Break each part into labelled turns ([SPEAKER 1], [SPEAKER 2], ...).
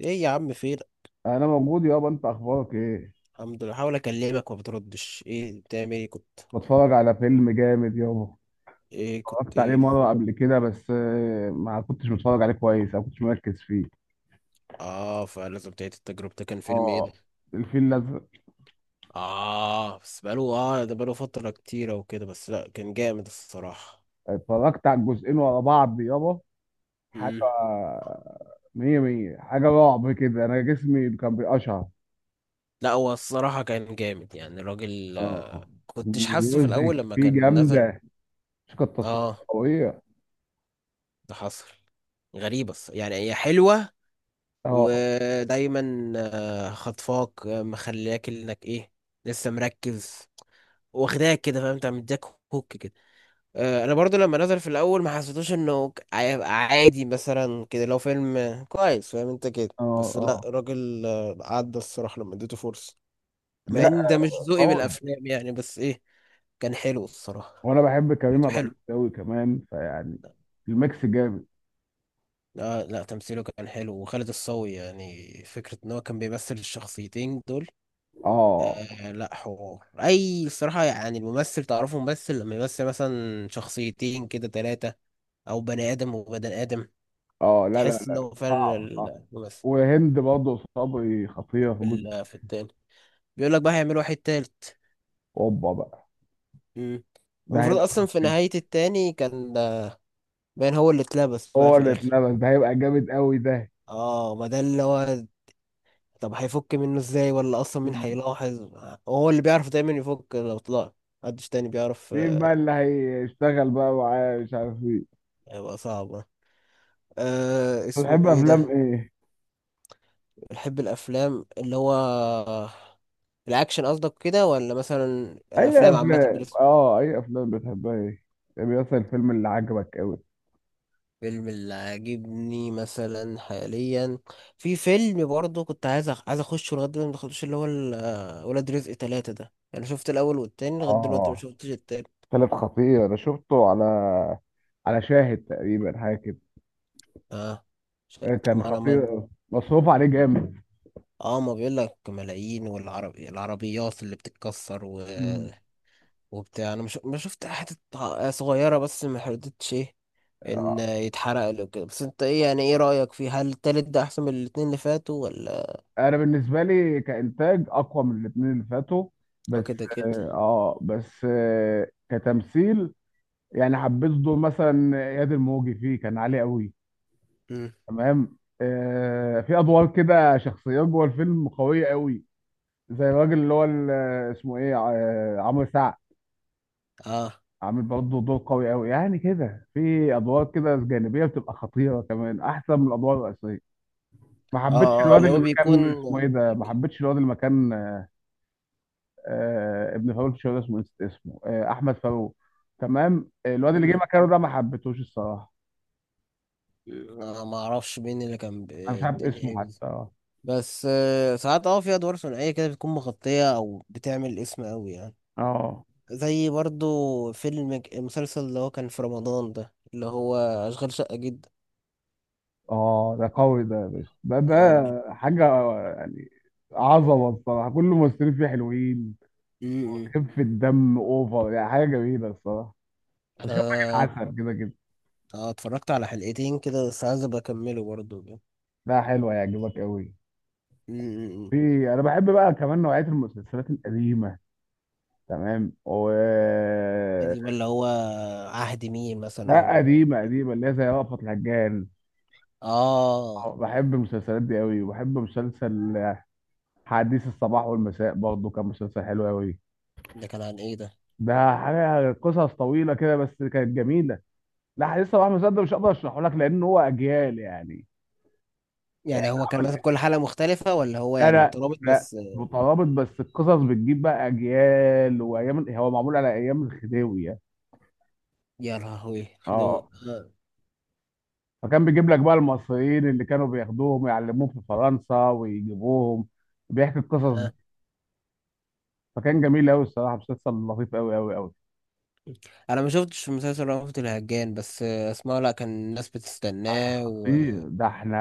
[SPEAKER 1] ايه يا عم، فين؟
[SPEAKER 2] انا موجود يابا، انت اخبارك ايه؟
[SPEAKER 1] الحمد لله، بحاول اكلمك ما بتردش. ايه بتعمل، ايه كنت؟
[SPEAKER 2] بتفرج على فيلم جامد يابا. اتفرجت عليه
[SPEAKER 1] ايه
[SPEAKER 2] مره
[SPEAKER 1] فين؟
[SPEAKER 2] قبل كده بس ما كنتش متفرج عليه كويس او كنتش مركز فيه.
[SPEAKER 1] اه فلازم تعيد التجربة. ده كان فيلم ايه ده؟
[SPEAKER 2] اه الفيل الازرق.
[SPEAKER 1] اه بس بقاله ده بقاله فترة كتيرة وكده، بس لا كان جامد الصراحة.
[SPEAKER 2] اتفرجت على الجزئين ورا بعض يابا. حاجه
[SPEAKER 1] مم.
[SPEAKER 2] مية مية، حاجه رعب كده، انا جسمي كان بيقشعر.
[SPEAKER 1] لا هو الصراحة كان جامد، يعني الراجل
[SPEAKER 2] اه
[SPEAKER 1] كنتش حاسه في
[SPEAKER 2] الميوزك
[SPEAKER 1] الاول لما
[SPEAKER 2] فيه
[SPEAKER 1] كان نزل.
[SPEAKER 2] جامده، موسيقى التصوير
[SPEAKER 1] اه
[SPEAKER 2] قويه.
[SPEAKER 1] ده حصل. غريبة، يعني هي حلوة،
[SPEAKER 2] اه
[SPEAKER 1] ودايما خطفاك، مخلياك انك ايه، لسه مركز، واخداك كده، فاهم انت، مديك هوك كده. انا برضو لما نزل في الاول ما حسيتوش انه هيبقى عادي مثلا كده، لو فيلم كويس فاهم انت كده.
[SPEAKER 2] اه
[SPEAKER 1] بس لا
[SPEAKER 2] اه.
[SPEAKER 1] راجل، عدى الصراحة لما اديته فرصة، مع
[SPEAKER 2] لا
[SPEAKER 1] ان ده مش ذوقي
[SPEAKER 2] قوي.
[SPEAKER 1] بالافلام يعني، بس ايه، كان حلو الصراحة.
[SPEAKER 2] وانا بحب كريم
[SPEAKER 1] كانت
[SPEAKER 2] عبد العزيز
[SPEAKER 1] حلو.
[SPEAKER 2] قوي كمان فيعني الميكس جامد.
[SPEAKER 1] لا لا، تمثيله كان حلو، وخالد الصاوي يعني فكرة ان هو كان بيمثل الشخصيتين دول.
[SPEAKER 2] اه
[SPEAKER 1] لا حوار اي الصراحة، يعني الممثل تعرفه ممثل لما يمثل مثلا شخصيتين كده، تلاتة، او بني ادم وبني ادم،
[SPEAKER 2] اه. لا لا
[SPEAKER 1] تحس ان
[SPEAKER 2] لا
[SPEAKER 1] هو فعلا
[SPEAKER 2] صعب صعب.
[SPEAKER 1] الممثل.
[SPEAKER 2] وهند برضه صبري خطيره في جزء.
[SPEAKER 1] في التاني بيقول لك بقى هيعملوا واحد تالت.
[SPEAKER 2] اوبا بقى،
[SPEAKER 1] مم.
[SPEAKER 2] ده
[SPEAKER 1] المفروض
[SPEAKER 2] هيبقى
[SPEAKER 1] اصلا في
[SPEAKER 2] خطير.
[SPEAKER 1] نهاية التاني كان باين هو اللي اتلبس بقى
[SPEAKER 2] هو
[SPEAKER 1] في
[SPEAKER 2] اللي
[SPEAKER 1] الاخر.
[SPEAKER 2] اتنبس، ده هيبقى جامد قوي ده.
[SPEAKER 1] اه ما ده اللي هو. طب هيفك منه ازاي، ولا اصلا مين
[SPEAKER 2] مم.
[SPEAKER 1] هيلاحظ؟ هو اللي بيعرف دايما يفك لو طلع، محدش تاني بيعرف
[SPEAKER 2] مين
[SPEAKER 1] آه،
[SPEAKER 2] بقى اللي هيشتغل بقى معاه مش عارف ايه؟
[SPEAKER 1] هيبقى صعب.
[SPEAKER 2] بتحب
[SPEAKER 1] اسمه ايه
[SPEAKER 2] افلام
[SPEAKER 1] ده؟
[SPEAKER 2] ايه؟
[SPEAKER 1] بحب الافلام اللي هو الاكشن قصدك كده، ولا مثلا
[SPEAKER 2] اي
[SPEAKER 1] الافلام
[SPEAKER 2] افلام،
[SPEAKER 1] عامه؟
[SPEAKER 2] اه اي افلام بتحبها ايه؟ يعني مثلا الفيلم اللي عجبك قوي.
[SPEAKER 1] فيلم اللي عاجبني مثلا حاليا، في فيلم برضه كنت عايز عايز اخشه لغايه دلوقتي ما دخلتوش، اللي هو ولاد رزق ثلاثة ده، يعني شفت الاول والتاني، لغايه دلوقتي ما
[SPEAKER 2] اه
[SPEAKER 1] شفتش التاني.
[SPEAKER 2] ثلاث خطير، انا شفته على على شاهد تقريبا حاجه كده.
[SPEAKER 1] اه ش...
[SPEAKER 2] كان
[SPEAKER 1] ما انا ما...
[SPEAKER 2] خطير أوي، مصروف عليه جامد.
[SPEAKER 1] اه ما بيقول لك ملايين، والعربي العربيات اللي بتتكسر
[SPEAKER 2] مم.
[SPEAKER 1] وبتاع، انا مش... ما شفت حتة صغيرة بس ما حددتش ايه، ان يتحرق له كده. بس انت ايه، يعني ايه رأيك فيه؟ هل التالت ده احسن من الاتنين اللي فاتوا ولا؟
[SPEAKER 2] انا بالنسبه لي كانتاج اقوى من الاثنين اللي فاتوا بس.
[SPEAKER 1] كده كده.
[SPEAKER 2] بس آه كتمثيل، يعني حبيت دور مثلا اياد الموجي فيه كان عالي قوي.
[SPEAKER 1] امم
[SPEAKER 2] تمام، آه في ادوار كده، شخصيات جوه الفيلم قويه قوي. زي الراجل اللي هو اسمه ايه، عمرو سعد.
[SPEAKER 1] اه
[SPEAKER 2] عامل برضه دور قوي قوي، يعني كده في ادوار كده جانبيه بتبقى خطيره كمان احسن من الادوار الرئيسيه. ما حبيتش
[SPEAKER 1] اه
[SPEAKER 2] الواد
[SPEAKER 1] اللي
[SPEAKER 2] اللي
[SPEAKER 1] هو بيكون.
[SPEAKER 2] مكان اسمه ايه ده، ما حبيتش الواد اللي مكان آه ابن فاروق، مش فاكر اسمه، نسيت اسمه، آه احمد فاروق. تمام، الواد اللي جه
[SPEAKER 1] مم.
[SPEAKER 2] مكانه ده ما حبيتهوش الصراحه.
[SPEAKER 1] ما اعرفش مين اللي كان
[SPEAKER 2] انا مش عارف
[SPEAKER 1] الدنيا ايه
[SPEAKER 2] اسمه
[SPEAKER 1] بس.
[SPEAKER 2] حتى. اه
[SPEAKER 1] بس ساعات في ادوار ثنائيه كده بتكون مغطيه او بتعمل اسم قوي يعني.
[SPEAKER 2] اه.
[SPEAKER 1] زي برضو المسلسل اللي هو كان في رمضان ده، اللي هو اشغال شقه، جدا.
[SPEAKER 2] آه، ده قوي ده يا باشا، ده
[SPEAKER 1] اه
[SPEAKER 2] ده حاجه يعني. عظمه الصراحه، كل الممثلين فيه حلوين.
[SPEAKER 1] م- م.
[SPEAKER 2] خفه الدم اوفر، يعني حاجه جميله الصراحه. وشاب
[SPEAKER 1] انا
[SPEAKER 2] عسل كده كده.
[SPEAKER 1] اتفرجت على حلقتين كده، بس عايز ابقى اكمله برضو.
[SPEAKER 2] ده حلو، هيعجبك قوي.
[SPEAKER 1] م.
[SPEAKER 2] في انا بحب بقى كمان نوعيه المسلسلات القديمه، تمام و
[SPEAKER 1] دي اللي هو عهد مين مثلا،
[SPEAKER 2] لا
[SPEAKER 1] او؟
[SPEAKER 2] قديمه قديمه اللي هي زي رأفت الهجان.
[SPEAKER 1] اه
[SPEAKER 2] بحب المسلسلات دي قوي. وبحب مسلسل حديث الصباح والمساء برضه، كان مسلسل حلو قوي.
[SPEAKER 1] ده كان عن ايه ده؟
[SPEAKER 2] ده حاجه قصص طويله كده بس كانت جميله. لا حديث الصباح والمساء ده مش هقدر اشرحه لك لان هو اجيال يعني.
[SPEAKER 1] يعني هو كان مثلا كل حلقة مختلفة، ولا هو
[SPEAKER 2] لا
[SPEAKER 1] يعني
[SPEAKER 2] لا
[SPEAKER 1] مترابط
[SPEAKER 2] لا.
[SPEAKER 1] بس؟
[SPEAKER 2] مترابط بس القصص بتجيب بقى اجيال وايام، هو معمول على ايام الخديوي يعني.
[SPEAKER 1] يا لهوي، خدوا.
[SPEAKER 2] اه.
[SPEAKER 1] آه.
[SPEAKER 2] فكان بيجيب لك بقى المصريين اللي كانوا بياخدوهم يعلموهم في فرنسا ويجيبوهم بيحكي القصص دي.
[SPEAKER 1] آه.
[SPEAKER 2] فكان جميل قوي الصراحه، مسلسل لطيف قوي قوي قوي.
[SPEAKER 1] انا ما شفتش مسلسل رأفت الهجان، بس اسمعه لا كان الناس بتستناه
[SPEAKER 2] خطير، ده احنا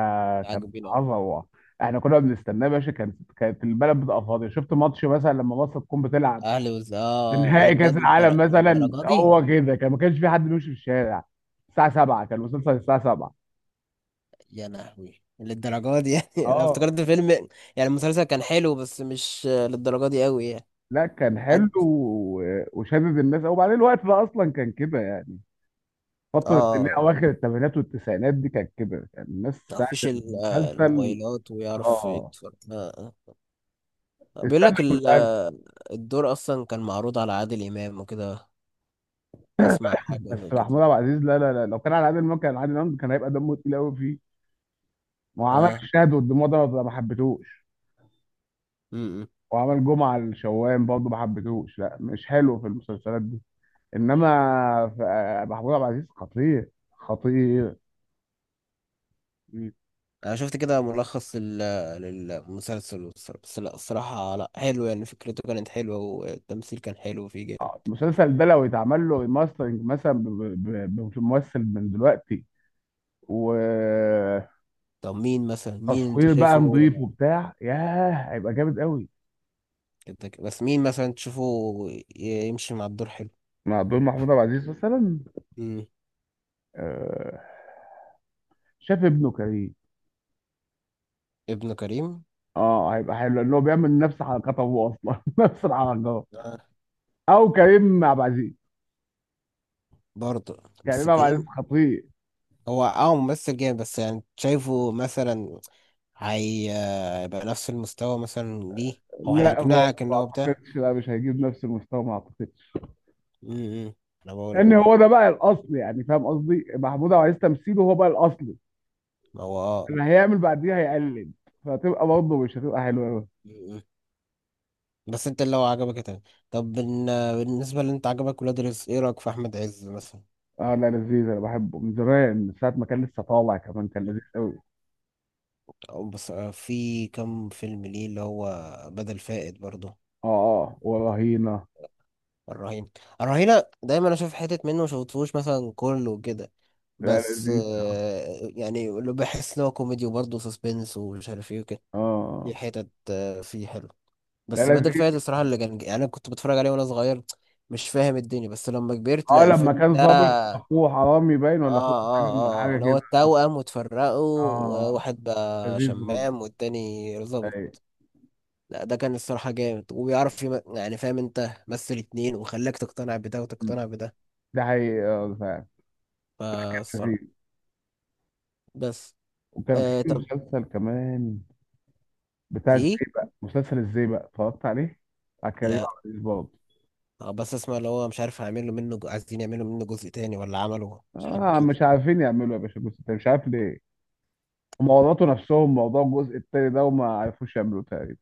[SPEAKER 2] كان
[SPEAKER 1] وعاجبين قوي.
[SPEAKER 2] عظمه. احنا كنا بنستناه يا باشا، كانت كانت البلد بتبقى فاضيه، شفت ماتش مثلا لما مصر تكون بتلعب
[SPEAKER 1] اهلي وز اه
[SPEAKER 2] في
[SPEAKER 1] آه. ايه ده
[SPEAKER 2] نهائي كاس
[SPEAKER 1] بجد،
[SPEAKER 2] العالم مثلا.
[SPEAKER 1] للدرجة دي؟
[SPEAKER 2] هو كده كان، ما كانش في حد بيمشي في الشارع. الساعه 7 كان المسلسل الساعه 7.
[SPEAKER 1] يا لهوي، للدرجة دي يعني انا
[SPEAKER 2] اه
[SPEAKER 1] افتكرت فيلم يعني، المسلسل كان حلو بس مش للدرجة دي قوي يعني.
[SPEAKER 2] لا كان حلو
[SPEAKER 1] حد
[SPEAKER 2] وشدد الناس، وبعدين الوقت ده اصلا كان كده يعني. فتره اللي هي
[SPEAKER 1] اه
[SPEAKER 2] اواخر الثمانينات والتسعينات دي كانت كده، كان الناس ساعه
[SPEAKER 1] مفيش
[SPEAKER 2] المسلسل.
[SPEAKER 1] الموبايلات ويعرف
[SPEAKER 2] اه.
[SPEAKER 1] يتفرج. آه. آه. بيقول
[SPEAKER 2] استنى
[SPEAKER 1] لك
[SPEAKER 2] المسلسل،
[SPEAKER 1] الدور اصلا كان معروض على عادل امام وكده، اسمع حاجه
[SPEAKER 2] بس
[SPEAKER 1] زي كده.
[SPEAKER 2] محمود عبد العزيز لا لا لا. لو كان على عادل امام كان عادل امام كان هيبقى دمه تقيل قوي فيه، ما هو عمل
[SPEAKER 1] اه
[SPEAKER 2] الشهد والدموع ده ما حبيتهوش.
[SPEAKER 1] امم
[SPEAKER 2] وعمل جمعة الشوام برضه ما حبيتهوش، لا مش حلو في المسلسلات دي. انما محمود عبد العزيز خطير، خطير.
[SPEAKER 1] مم. انا شفت كده ملخص للمسلسل، بس لا الصراحه، لا حلو، يعني فكرته كانت حلوه والتمثيل كان حلو فيه جامد.
[SPEAKER 2] آه، المسلسل ده لو يتعمل له ريماسترنج مثلا بممثل من دلوقتي، وتصوير
[SPEAKER 1] طب مين مثلا، مين انت
[SPEAKER 2] بقى
[SPEAKER 1] شايفه؟
[SPEAKER 2] نظيف وبتاع، ياه هيبقى جامد قوي.
[SPEAKER 1] بس مين مثلا تشوفه يمشي مع الدور حلو؟
[SPEAKER 2] مع دور محمود عبد العزيز مثلا،
[SPEAKER 1] امم.
[SPEAKER 2] آه، شاف ابنه كريم.
[SPEAKER 1] ابن كريم.
[SPEAKER 2] اه هيبقى حلو لان هو بيعمل نفس حركات ابوه اصلا نفس الحركات.
[SPEAKER 1] آه.
[SPEAKER 2] او كريم عبد العزيز.
[SPEAKER 1] برضه، بس
[SPEAKER 2] كريم عبد العزيز
[SPEAKER 1] كريم
[SPEAKER 2] خطير.
[SPEAKER 1] هو ممثل جامد، بس يعني شايفه مثلا هي- هيبقى نفس المستوى مثلا ليه، او
[SPEAKER 2] كريم لا ما
[SPEAKER 1] هيقنعك ان
[SPEAKER 2] ما
[SPEAKER 1] هو بتاع؟
[SPEAKER 2] اعتقدش، لا مش هيجيب نفس المستوى ما اعتقدش.
[SPEAKER 1] امم، إمم. انا بقول،
[SPEAKER 2] لان هو ده بقى الاصل، يعني فاهم قصدي، محمود عبد العزيز تمثيله هو بقى الاصل،
[SPEAKER 1] ما هو اه
[SPEAKER 2] اللي هيعمل بعديها هيقلد، فهتبقى برضه مش هتبقى حلوه قوي.
[SPEAKER 1] م. بس انت اللي هو عجبك تمام، طب بن- بالنسبة اللي انت عجبك ولاد رزق، ايه رأيك في احمد عز مثلا؟
[SPEAKER 2] اه لا لذيذ، انا بحبه من زمان، من ساعه ما كان لسه طالع كمان كان لذيذ قوي.
[SPEAKER 1] او بس في كم فيلم ليه اللي هو بدل فائد برضه.
[SPEAKER 2] اه اه ورهينه.
[SPEAKER 1] الرهينة. الرهينة دايما اشوف حتت منه، مشفتهوش مثلا كله كده،
[SPEAKER 2] لا
[SPEAKER 1] بس
[SPEAKER 2] لذيذ اه.
[SPEAKER 1] يعني اللي بحس ان هو كوميدي وبرضه سسبنس ومش عارف ايه وكده، دي
[SPEAKER 2] آه.
[SPEAKER 1] حتت فيه حلو.
[SPEAKER 2] لا
[SPEAKER 1] بس بدل
[SPEAKER 2] لذيذ
[SPEAKER 1] فايت الصراحه اللي كان، يعني انا كنت بتفرج عليه وانا صغير مش فاهم الدنيا، بس لما كبرت
[SPEAKER 2] اه،
[SPEAKER 1] لا
[SPEAKER 2] لما
[SPEAKER 1] الفيلم
[SPEAKER 2] كان
[SPEAKER 1] ده
[SPEAKER 2] ظابط
[SPEAKER 1] اه
[SPEAKER 2] اخوه حرامي باين، ولا اخوه سجن ولا حاجه
[SPEAKER 1] اللي هو
[SPEAKER 2] كده.
[SPEAKER 1] التوأم وتفرقوا،
[SPEAKER 2] اه
[SPEAKER 1] وواحد بقى
[SPEAKER 2] لذيذ برضه.
[SPEAKER 1] شمام والتاني ظابط.
[SPEAKER 2] أيوة.
[SPEAKER 1] لا ده كان الصراحة جامد، وبيعرف يعني فاهم انت، مثل اتنين وخلاك تقتنع بده وتقتنع بده،
[SPEAKER 2] ده حقيقي اه، ده فعلا
[SPEAKER 1] فالصراحة.
[SPEAKER 2] لذيذ.
[SPEAKER 1] بس
[SPEAKER 2] وكان في
[SPEAKER 1] طب،
[SPEAKER 2] مسلسل كمان بتاع
[SPEAKER 1] دي
[SPEAKER 2] ازاي، بقى مسلسل ازاي بقى، اتفرجت عليه؟ على كريم
[SPEAKER 1] لا
[SPEAKER 2] عبد العزيز برضه.
[SPEAKER 1] بس اسمع، اللي هو مش عارف هيعملوا منه عايزين يعملوا منه جزء تاني، ولا عمله مش حاجة
[SPEAKER 2] اه
[SPEAKER 1] كده؟
[SPEAKER 2] مش عارفين يعملوا إيه يا باشا، الجزء التاني مش عارف ليه، هم ورطوا نفسهم موضوع الجزء التاني ده وما عرفوش يعملوه تقريبا.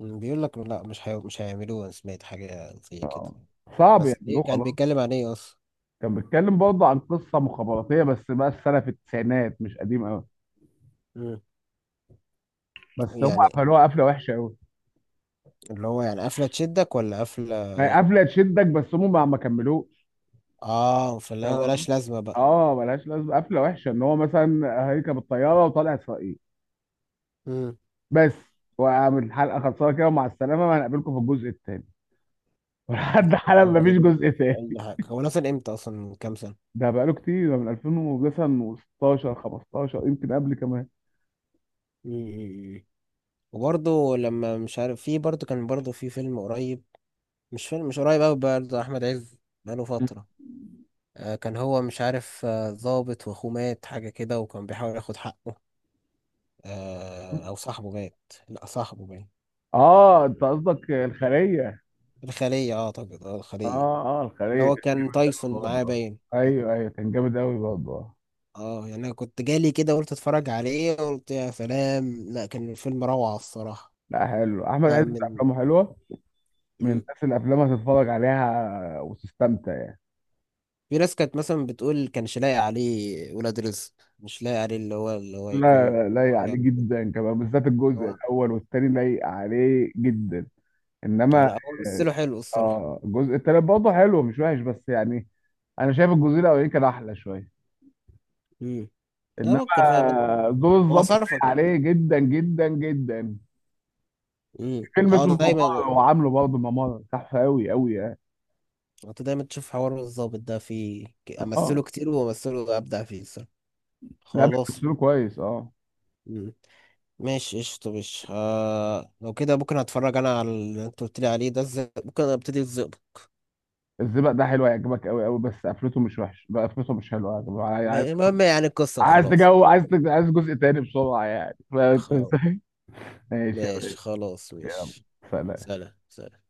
[SPEAKER 1] بيقول لك لا مش هيعملوه، انا سمعت حاجة زي كده.
[SPEAKER 2] اه صعب
[SPEAKER 1] بس
[SPEAKER 2] يعملوه
[SPEAKER 1] ايه كان
[SPEAKER 2] خلاص.
[SPEAKER 1] بيتكلم عن ايه اصلا؟
[SPEAKER 2] كان بيتكلم برضه عن قصه مخابراتيه، بس بقى السنه في التسعينات مش قديم قوي.
[SPEAKER 1] مم.
[SPEAKER 2] بس هم
[SPEAKER 1] يعني
[SPEAKER 2] قفلوها قفله وحشه قوي.
[SPEAKER 1] اللي هو يعني قفلة تشدك، ولا قفلة
[SPEAKER 2] ما هي
[SPEAKER 1] ايه؟
[SPEAKER 2] قفله تشدك، بس هم ما كملوش.
[SPEAKER 1] اه فلا
[SPEAKER 2] تمام.
[SPEAKER 1] ملهاش لازمة بقى.
[SPEAKER 2] اه ملهاش لازمه قفله وحشه، ان هو مثلا هيركب الطياره وطالع اسرائيل
[SPEAKER 1] امم.
[SPEAKER 2] بس. وعامل الحلقه خلصانه كده، ومع السلامه هنقابلكم في الجزء الثاني، ولحد حالا
[SPEAKER 1] اه
[SPEAKER 2] مفيش
[SPEAKER 1] كده.
[SPEAKER 2] جزء ثاني.
[SPEAKER 1] اي حاجة، هو نزل امتى اصلا، من كام سنة؟
[SPEAKER 2] ده بقاله كتير ده، من 2016 15 يمكن قبل كمان.
[SPEAKER 1] امم. وبرضه لما مش عارف، في برضه كان برضه في فيلم قريب، مش فيلم مش قريب قوي برضه، احمد عز، بقاله فترة. كان هو مش عارف ضابط واخوه مات حاجة كده، وكان بيحاول ياخد حقه، او صاحبه مات، لا صاحبه مات.
[SPEAKER 2] اه انت قصدك الخليه.
[SPEAKER 1] الخلية، اعتقد الخلية،
[SPEAKER 2] اه اه
[SPEAKER 1] اللي
[SPEAKER 2] الخليه
[SPEAKER 1] هو
[SPEAKER 2] كان
[SPEAKER 1] كان تايسون معاه
[SPEAKER 2] برضه.
[SPEAKER 1] باين.
[SPEAKER 2] ايوه ايوه كان جامد قوي برضه.
[SPEAKER 1] اه يعني انا كنت جالي كده، قلت اتفرج عليه، قلت يا سلام، لا كان الفيلم روعة الصراحة.
[SPEAKER 2] لا حلو احمد
[SPEAKER 1] لا
[SPEAKER 2] عز،
[SPEAKER 1] من،
[SPEAKER 2] افلامه حلوه، من
[SPEAKER 1] مم.
[SPEAKER 2] الناس اللي افلامها تتفرج عليها وتستمتع يعني.
[SPEAKER 1] في ناس كانت مثلا بتقول كانش لاقي عليه ولاد رزق، مش لاقي عليه، اللي هو يكون
[SPEAKER 2] لا
[SPEAKER 1] هو
[SPEAKER 2] لايق عليه
[SPEAKER 1] يعني كده.
[SPEAKER 2] جدا كمان، بالذات الجزء
[SPEAKER 1] هو
[SPEAKER 2] الاول والتاني لايق عليه جدا. انما
[SPEAKER 1] لا هو مثله حلو الصراحة.
[SPEAKER 2] اه الجزء التالت برضه حلو مش وحش بس يعني، انا شايف الجزء الاولاني كان احلى شويه.
[SPEAKER 1] امم. انا
[SPEAKER 2] انما
[SPEAKER 1] ممكن فاهم،
[SPEAKER 2] دور
[SPEAKER 1] هو
[SPEAKER 2] الظابط
[SPEAKER 1] صرفك
[SPEAKER 2] لايق
[SPEAKER 1] كده.
[SPEAKER 2] عليه جدا جدا جدا.
[SPEAKER 1] امم،
[SPEAKER 2] فيلم اسمه
[SPEAKER 1] دايما
[SPEAKER 2] الممر، هو عامله برضه ممر تحفه قوي قوي يعني.
[SPEAKER 1] انت دايما تشوف حوار الظابط ده في امثله
[SPEAKER 2] اه
[SPEAKER 1] كتير، وامثله ابدع فيه الصراحه،
[SPEAKER 2] لا
[SPEAKER 1] خلاص.
[SPEAKER 2] بيمثلوا كويس اه.
[SPEAKER 1] مم. ماشي، قشطة، مش لو كده ممكن هتفرج انا على اللي انت قلت لي عليه ده، ممكن ابتدي الظبط.
[SPEAKER 2] الزبق ده حلو، هيعجبك قوي قوي، بس قفلته مش وحش بقى، قفلته مش حلوه يعني.
[SPEAKER 1] المهم يعني القصة،
[SPEAKER 2] عايز
[SPEAKER 1] وخلاص.
[SPEAKER 2] تجو عايز جزء تاني بسرعة يعني فاهم.
[SPEAKER 1] خلاص،
[SPEAKER 2] ماشي يا
[SPEAKER 1] ماشي،
[SPEAKER 2] باشا.
[SPEAKER 1] خلاص
[SPEAKER 2] يلا
[SPEAKER 1] ماشي.
[SPEAKER 2] سلام
[SPEAKER 1] سلام، سلام.